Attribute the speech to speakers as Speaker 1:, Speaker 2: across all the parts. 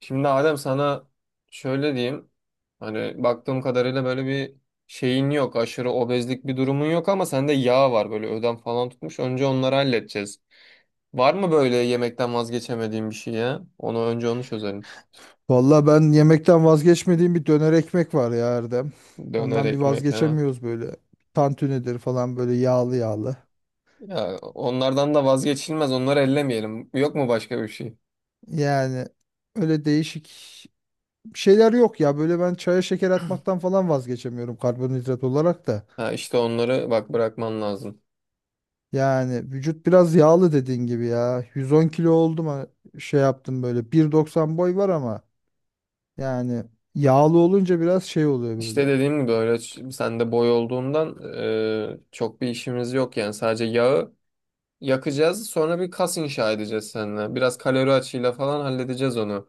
Speaker 1: Şimdi Adem sana şöyle diyeyim. Baktığım kadarıyla böyle bir şeyin yok. Aşırı obezlik bir durumun yok ama sende yağ var. Böyle ödem falan tutmuş. Önce onları halledeceğiz. Var mı böyle yemekten vazgeçemediğin bir şey ya? Önce onu çözelim.
Speaker 2: Valla ben yemekten vazgeçmediğim bir döner ekmek var ya Erdem.
Speaker 1: Döner
Speaker 2: Ondan bir
Speaker 1: ekmek ha.
Speaker 2: vazgeçemiyoruz böyle. Tantunidir falan böyle yağlı yağlı.
Speaker 1: Ya onlardan da vazgeçilmez. Onları ellemeyelim. Yok mu başka bir şey?
Speaker 2: Yani öyle değişik şeyler yok ya. Böyle ben çaya şeker atmaktan falan vazgeçemiyorum karbonhidrat olarak da.
Speaker 1: Ha işte onları bak bırakman lazım.
Speaker 2: Yani vücut biraz yağlı dediğin gibi ya. 110 kilo oldum şey yaptım böyle. 1.90 boy var ama yani yağlı olunca biraz şey oluyor
Speaker 1: İşte
Speaker 2: böyle.
Speaker 1: dediğim gibi öyle sen de boy olduğundan çok bir işimiz yok, yani sadece yağı yakacağız. Sonra bir kas inşa edeceğiz seninle. Biraz kalori açığıyla falan halledeceğiz onu.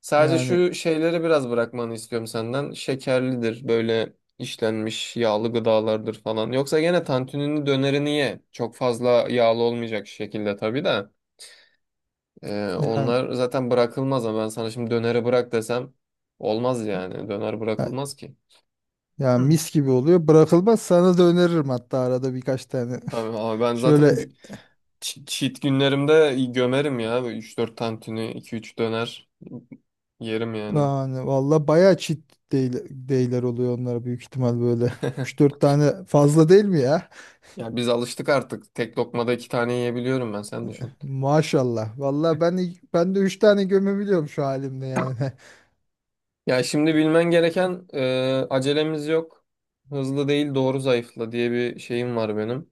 Speaker 1: Sadece
Speaker 2: Yani
Speaker 1: şu şeyleri biraz bırakmanı istiyorum senden. Şekerlidir, böyle işlenmiş yağlı gıdalardır falan. Yoksa gene tantunini, dönerini ye. Çok fazla yağlı olmayacak şekilde tabii de.
Speaker 2: yani.
Speaker 1: Onlar zaten bırakılmaz ama ben sana şimdi döneri bırak desem olmaz yani. Döner bırakılmaz ki.
Speaker 2: Ya
Speaker 1: Hı.
Speaker 2: mis gibi oluyor. Bırakılmaz sana da öneririm hatta arada birkaç tane.
Speaker 1: Tabii abi ben zaten
Speaker 2: Şöyle
Speaker 1: cheat günlerimde gömerim ya. Üç dört tantuni, iki üç döner yerim yani.
Speaker 2: yani valla bayağı çit değil, değiller oluyor onlara büyük ihtimal böyle. Üç dört tane fazla değil mi ya?
Speaker 1: Ya biz alıştık artık. Tek lokmada iki tane yiyebiliyorum ben. Sen düşün.
Speaker 2: Maşallah. Valla ben de 3 tane gömebiliyorum şu halimde yani.
Speaker 1: Ya şimdi bilmen gereken, acelemiz yok. Hızlı değil doğru zayıfla diye bir şeyim var benim.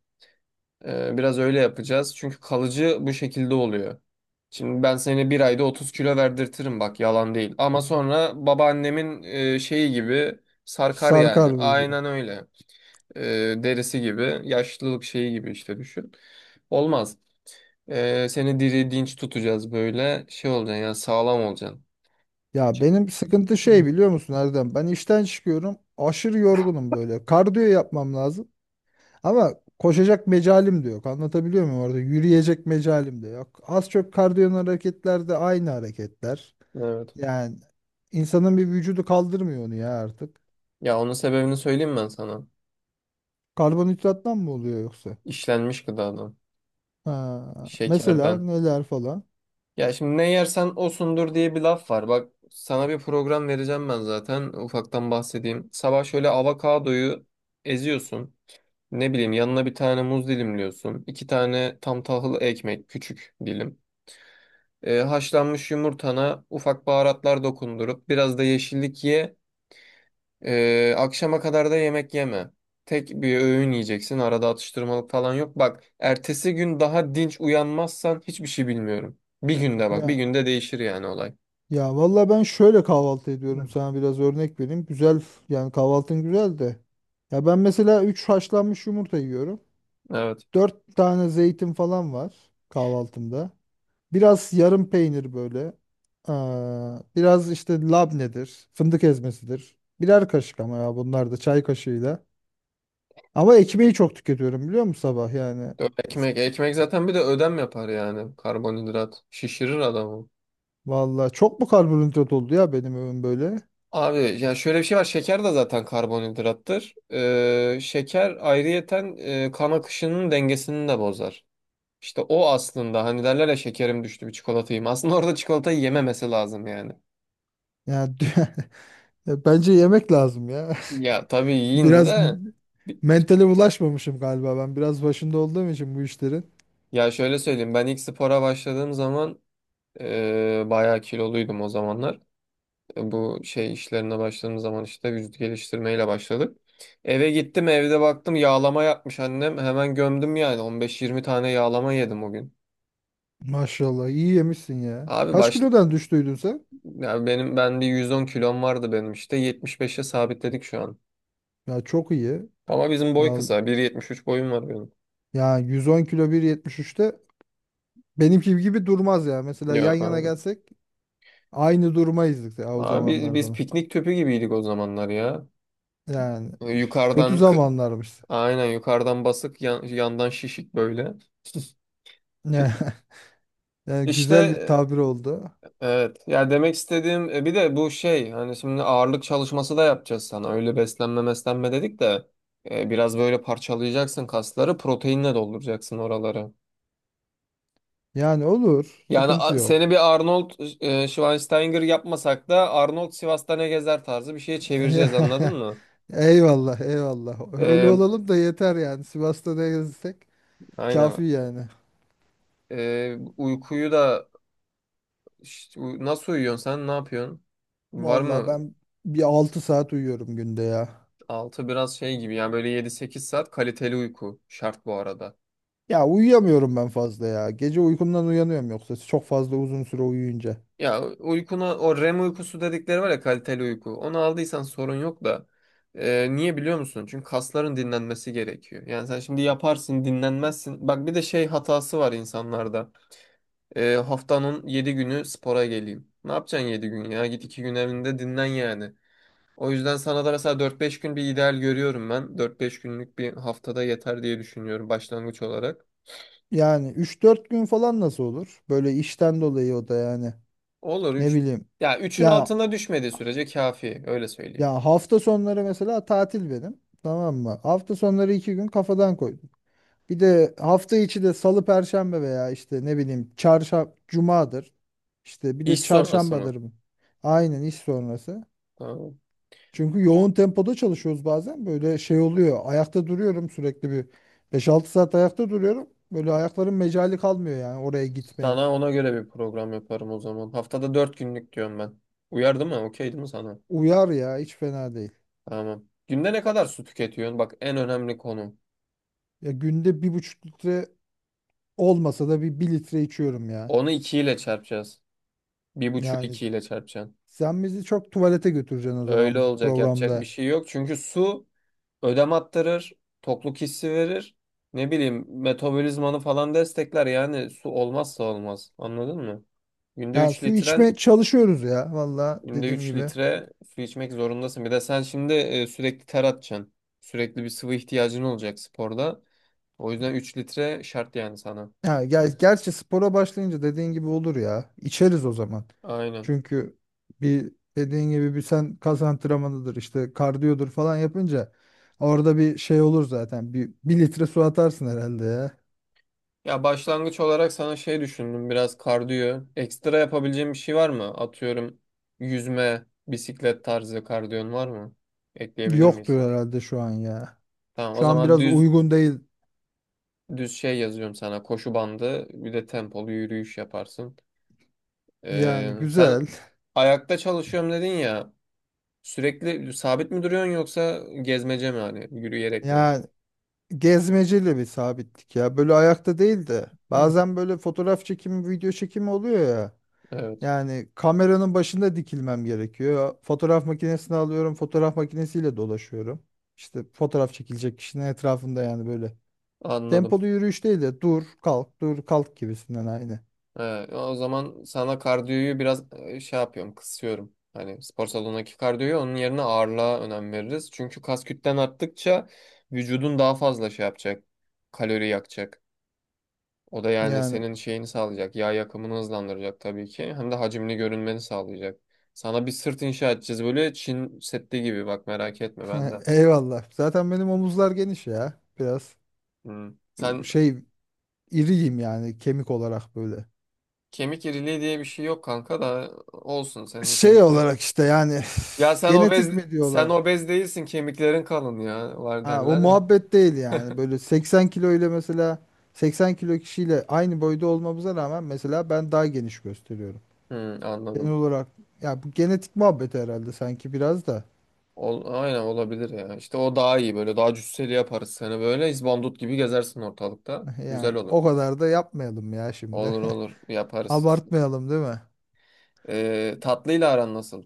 Speaker 1: Biraz öyle yapacağız. Çünkü kalıcı bu şekilde oluyor. Şimdi ben seni bir ayda 30 kilo verdirtirim, bak yalan değil. Ama sonra babaannemin şeyi gibi sarkar yani.
Speaker 2: Sarkar vücudu.
Speaker 1: Aynen öyle. E, Derisi gibi, yaşlılık şeyi gibi işte, düşün. Olmaz. Seni diri dinç tutacağız böyle. Şey olacaksın yani, sağlam olacaksın.
Speaker 2: Ya
Speaker 1: Ç-
Speaker 2: benim sıkıntı şey biliyor musun Erdem? Ben işten çıkıyorum. Aşırı yorgunum böyle. Kardiyo yapmam lazım. Ama koşacak mecalim de yok. Anlatabiliyor muyum orada? Yürüyecek mecalim de yok. Az çok kardiyon hareketler de aynı hareketler.
Speaker 1: Evet.
Speaker 2: Yani insanın bir vücudu kaldırmıyor onu ya artık.
Speaker 1: Ya onun sebebini söyleyeyim ben sana.
Speaker 2: Karbonhidrattan mı oluyor yoksa?
Speaker 1: İşlenmiş gıdadan.
Speaker 2: Ha, mesela
Speaker 1: Şekerden.
Speaker 2: neler falan.
Speaker 1: Ya şimdi ne yersen osundur diye bir laf var. Bak sana bir program vereceğim ben zaten. Ufaktan bahsedeyim. Sabah şöyle avokadoyu eziyorsun. Ne bileyim, yanına bir tane muz dilimliyorsun. İki tane tam tahıl ekmek, küçük dilim. Haşlanmış yumurtana ufak baharatlar dokundurup biraz da yeşillik ye. Akşama kadar da yemek yeme. Tek bir öğün yiyeceksin. Arada atıştırmalık falan yok. Bak, ertesi gün daha dinç uyanmazsan hiçbir şey bilmiyorum. Bir günde bak, bir
Speaker 2: Ya
Speaker 1: günde değişir yani olay.
Speaker 2: ya, vallahi ben şöyle kahvaltı ediyorum
Speaker 1: Hı.
Speaker 2: sana biraz örnek vereyim. Yani kahvaltın güzel de. Ya ben mesela 3 haşlanmış yumurta yiyorum.
Speaker 1: Evet.
Speaker 2: 4 tane zeytin falan var kahvaltımda. Biraz yarım peynir böyle. Aa, biraz işte labnedir, fındık ezmesidir. Birer kaşık ama ya bunlar da çay kaşığıyla. Ama ekmeği çok tüketiyorum biliyor musun sabah yani.
Speaker 1: Ekmek zaten bir de ödem yapar yani. Karbonhidrat şişirir adamı.
Speaker 2: Vallahi çok mu karbonhidrat oldu ya benim ömrüm böyle?
Speaker 1: Abi ya şöyle bir şey var. Şeker de zaten karbonhidrattır. Şeker ayrıyeten, kan akışının dengesini de bozar. İşte o aslında, hani derler ya, şekerim düştü bir çikolata yiyeyim. Aslında orada çikolatayı yememesi lazım yani.
Speaker 2: Yani bence yemek lazım ya.
Speaker 1: Ya tabii yiyin
Speaker 2: Biraz
Speaker 1: de bi-
Speaker 2: mentale ulaşmamışım galiba ben. Biraz başında olduğum için bu işlerin.
Speaker 1: ya şöyle söyleyeyim, ben ilk spora başladığım zaman bayağı kiloluydum o zamanlar. Bu şey işlerine başladığım zaman, işte vücut geliştirmeyle başladık. Eve gittim, evde baktım yağlama yapmış annem, hemen gömdüm yani, 15-20 tane yağlama yedim o gün.
Speaker 2: Maşallah iyi yemişsin ya.
Speaker 1: Abi
Speaker 2: Kaç
Speaker 1: baş,
Speaker 2: kilodan düştüydün sen?
Speaker 1: ya benim, bir 110 kilom vardı benim, işte 75'e sabitledik şu an.
Speaker 2: Ya çok iyi.
Speaker 1: Ama bizim boy
Speaker 2: Al.
Speaker 1: kısa, 1,73 boyum var benim.
Speaker 2: Ya 110 kilo 1.73'te benimki gibi durmaz ya. Mesela
Speaker 1: Ya
Speaker 2: yan yana
Speaker 1: aynen.
Speaker 2: gelsek aynı durmayızdık ya o
Speaker 1: Abi
Speaker 2: zamanlar
Speaker 1: biz
Speaker 2: falan.
Speaker 1: piknik tüpü gibiydik o zamanlar ya.
Speaker 2: Yani kötü
Speaker 1: Yukarıdan kı-
Speaker 2: zamanlarmış.
Speaker 1: aynen, yukarıdan basık, yandan şişik böyle.
Speaker 2: Yani, yani, güzel
Speaker 1: İşte
Speaker 2: bir tabir oldu.
Speaker 1: evet ya, demek istediğim, bir de bu şey, hani şimdi ağırlık çalışması da yapacağız sana, öyle beslenme meslenme dedik de biraz böyle parçalayacaksın kasları, proteinle dolduracaksın oraları.
Speaker 2: Yani olur.
Speaker 1: Yani
Speaker 2: Sıkıntı
Speaker 1: seni
Speaker 2: yok.
Speaker 1: bir Arnold Schwarzenegger yapmasak da, Arnold Sivas'ta ne gezer tarzı bir şeye çevireceğiz, anladın mı?
Speaker 2: Eyvallah, eyvallah. Öyle
Speaker 1: E,
Speaker 2: olalım da yeter yani. Sivas'ta da gezsek
Speaker 1: aynen.
Speaker 2: kafi yani.
Speaker 1: Uykuyu da, İşte nasıl uyuyorsun sen? Ne yapıyorsun? Var
Speaker 2: Vallahi
Speaker 1: mı?
Speaker 2: ben bir altı saat uyuyorum günde ya.
Speaker 1: Altı biraz şey gibi yani, böyle yedi sekiz saat kaliteli uyku şart bu arada.
Speaker 2: Ya uyuyamıyorum ben fazla ya. Gece uykumdan uyanıyorum yoksa çok fazla uzun süre uyuyunca.
Speaker 1: Ya uykuna, o REM uykusu dedikleri var ya, kaliteli uyku. Onu aldıysan sorun yok da. Niye biliyor musun? Çünkü kasların dinlenmesi gerekiyor. Yani sen şimdi yaparsın, dinlenmezsin. Bak bir de şey hatası var insanlarda. Haftanın 7 günü spora geleyim. Ne yapacaksın 7 gün ya? Git 2 gün evinde dinlen yani. O yüzden sana da mesela dört beş gün bir ideal görüyorum ben. Dört beş günlük, bir haftada yeter diye düşünüyorum başlangıç olarak.
Speaker 2: Yani üç dört gün falan nasıl olur? Böyle işten dolayı o da yani.
Speaker 1: Olur
Speaker 2: Ne
Speaker 1: üç.
Speaker 2: bileyim.
Speaker 1: Ya üçün
Speaker 2: Ya
Speaker 1: altına düşmediği sürece kafi, öyle söyleyeyim.
Speaker 2: ya, hafta sonları mesela tatil benim. Tamam mı? Hafta sonları 2 gün kafadan koydum. Bir de hafta içi de salı perşembe veya işte ne bileyim çarşamba cumadır. İşte bir de
Speaker 1: İş sonrası mı?
Speaker 2: çarşambadır bu. Aynen iş sonrası.
Speaker 1: Tamam.
Speaker 2: Çünkü yoğun tempoda çalışıyoruz bazen. Böyle şey oluyor. Ayakta duruyorum sürekli bir beş altı saat ayakta duruyorum. Böyle ayakların mecali kalmıyor yani oraya gitmeye.
Speaker 1: Sana ona göre bir program yaparım o zaman. Haftada 4 günlük diyorum ben. Uyardı mı? Okey değil mi sana?
Speaker 2: Uyar ya hiç fena değil.
Speaker 1: Tamam. Günde ne kadar su tüketiyorsun? Bak en önemli konu.
Speaker 2: Ya günde bir buçuk litre olmasa da bir litre içiyorum ya.
Speaker 1: Onu 2 ile çarpacağız. 1,5
Speaker 2: Yani
Speaker 1: 2 ile çarpacaksın.
Speaker 2: sen bizi çok tuvalete götüreceksin o
Speaker 1: Öyle
Speaker 2: zaman bu
Speaker 1: olacak, yapacak bir
Speaker 2: programda.
Speaker 1: şey yok. Çünkü su ödem attırır, tokluk hissi verir. Ne bileyim, metabolizmanı falan destekler, yani su olmazsa olmaz. Anladın mı? Günde
Speaker 2: Ya
Speaker 1: 3
Speaker 2: su
Speaker 1: litren,
Speaker 2: içme çalışıyoruz ya valla
Speaker 1: günde
Speaker 2: dediğim
Speaker 1: 3
Speaker 2: gibi.
Speaker 1: litre su içmek zorundasın. Bir de sen şimdi sürekli ter atacaksın. Sürekli bir sıvı ihtiyacın olacak sporda. O yüzden 3 litre şart yani sana.
Speaker 2: Ya gel
Speaker 1: Hı.
Speaker 2: gerçi spora başlayınca dediğin gibi olur ya. İçeriz o zaman.
Speaker 1: Aynen.
Speaker 2: Çünkü bir dediğin gibi bir sen kas antrenmanıdır işte kardiyodur falan yapınca orada bir şey olur zaten. Bir litre su atarsın herhalde ya.
Speaker 1: Ya başlangıç olarak sana şey düşündüm, biraz kardiyo. Ekstra yapabileceğim bir şey var mı? Atıyorum, yüzme, bisiklet tarzı kardiyon var mı? Ekleyebilir miyiz?
Speaker 2: Yoktur herhalde şu an ya.
Speaker 1: Tamam, o
Speaker 2: Şu an
Speaker 1: zaman
Speaker 2: biraz uygun değil
Speaker 1: düz şey yazıyorum sana. Koşu bandı, bir de tempolu yürüyüş yaparsın.
Speaker 2: yani
Speaker 1: Sen
Speaker 2: güzel.
Speaker 1: ayakta çalışıyorum dedin ya. Sürekli sabit mi duruyorsun, yoksa gezmece mi, hani yürüyerek mi?
Speaker 2: Yani gezmeciyle bir sabitlik ya. Böyle ayakta değil de
Speaker 1: Hmm.
Speaker 2: bazen böyle fotoğraf çekimi, video çekimi oluyor ya.
Speaker 1: Evet,
Speaker 2: Yani kameranın başında dikilmem gerekiyor. Fotoğraf makinesini alıyorum, fotoğraf makinesiyle dolaşıyorum. İşte fotoğraf çekilecek kişinin etrafında yani böyle.
Speaker 1: anladım.
Speaker 2: Tempolu yürüyüş değil de dur, kalk, dur, kalk gibisinden aynı.
Speaker 1: O zaman sana kardiyoyu biraz şey yapıyorum, kısıyorum. Hani spor salonundaki kardiyoyu, onun yerine ağırlığa önem veririz. Çünkü kas kütlen arttıkça vücudun daha fazla şey yapacak. Kalori yakacak. O da yani
Speaker 2: Yani
Speaker 1: senin şeyini sağlayacak. Yağ yakımını hızlandıracak tabii ki. Hem de hacimli görünmeni sağlayacak. Sana bir sırt inşa edeceğiz böyle Çin Seddi gibi, bak merak etme ben de.
Speaker 2: eyvallah. Zaten benim omuzlar geniş ya. Biraz
Speaker 1: Hmm. Sen
Speaker 2: şey iriyim yani kemik olarak böyle.
Speaker 1: kemik iriliği diye bir şey yok kanka, da olsun senin
Speaker 2: Şey
Speaker 1: kemikli.
Speaker 2: olarak işte yani
Speaker 1: Ya
Speaker 2: genetik mi
Speaker 1: sen
Speaker 2: diyorlar?
Speaker 1: obez değilsin, kemiklerin kalın ya var
Speaker 2: Ha, o
Speaker 1: derler ya.
Speaker 2: muhabbet değil yani. Böyle 80 kilo ile mesela 80 kilo kişiyle aynı boyda olmamıza rağmen mesela ben daha geniş gösteriyorum.
Speaker 1: Hmm,
Speaker 2: Genel
Speaker 1: anladım.
Speaker 2: olarak ya bu genetik muhabbeti herhalde sanki biraz da.
Speaker 1: Ol, aynen, olabilir ya. İşte o daha iyi, böyle daha cüsseli yaparız seni, böyle izbandut gibi gezersin ortalıkta. Güzel
Speaker 2: Yani
Speaker 1: olur.
Speaker 2: o kadar da yapmayalım ya şimdi.
Speaker 1: Olur olur, yaparız.
Speaker 2: Abartmayalım değil mi?
Speaker 1: Tatlıyla aran nasıl?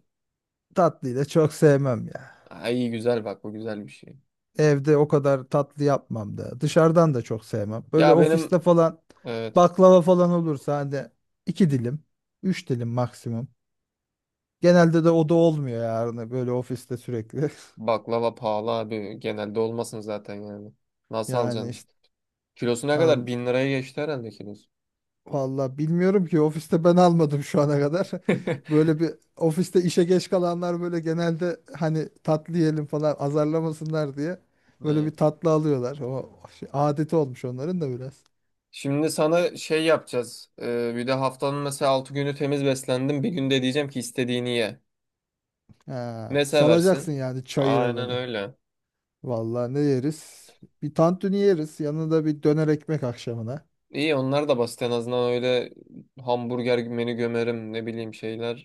Speaker 2: Tatlıyı da çok sevmem ya.
Speaker 1: Ay iyi, güzel, bak bu güzel bir şey.
Speaker 2: Evde o kadar tatlı yapmam da. Dışarıdan da çok sevmem. Böyle
Speaker 1: Ya benim,
Speaker 2: ofiste falan
Speaker 1: evet,
Speaker 2: baklava falan olursa hani iki dilim, üç dilim maksimum. Genelde de o da olmuyor yani böyle ofiste sürekli.
Speaker 1: baklava pahalı abi, genelde olmasın zaten yani. Nasıl
Speaker 2: Yani
Speaker 1: alacaksınız?
Speaker 2: işte
Speaker 1: Kilosu ne kadar?
Speaker 2: al,
Speaker 1: Bin liraya geçti herhalde kilosu.
Speaker 2: valla bilmiyorum ki ofiste ben almadım şu ana kadar. Böyle bir ofiste işe geç kalanlar böyle genelde hani tatlı yiyelim falan azarlamasınlar diye böyle bir
Speaker 1: İyi.
Speaker 2: tatlı alıyorlar. O şey, adeti olmuş onların da biraz.
Speaker 1: Şimdi sana şey yapacağız. Bir de haftanın mesela 6 günü temiz beslendim. Bir günde diyeceğim ki istediğini ye.
Speaker 2: Ha,
Speaker 1: Ne
Speaker 2: salacaksın
Speaker 1: seversin?
Speaker 2: yani çayıra
Speaker 1: Aynen
Speaker 2: beni.
Speaker 1: öyle.
Speaker 2: Vallahi ne yeriz? Bir tantuni yeriz. Yanında bir döner ekmek akşamına.
Speaker 1: İyi, onlar da basit en azından, öyle hamburger menü gömerim ne bileyim şeyler,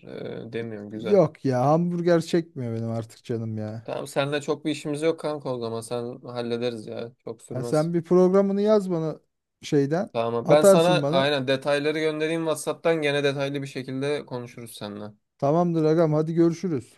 Speaker 1: demiyorum, güzel.
Speaker 2: Yok ya hamburger çekmiyor benim artık canım ya.
Speaker 1: Tamam, seninle çok bir işimiz yok kanka, o zaman sen hallederiz ya. Çok
Speaker 2: Ya
Speaker 1: sürmez.
Speaker 2: sen bir programını yaz bana şeyden.
Speaker 1: Tamam, ben sana
Speaker 2: Atarsın bana.
Speaker 1: aynen detayları göndereyim WhatsApp'tan, gene detaylı bir şekilde konuşuruz seninle.
Speaker 2: Tamamdır agam hadi görüşürüz.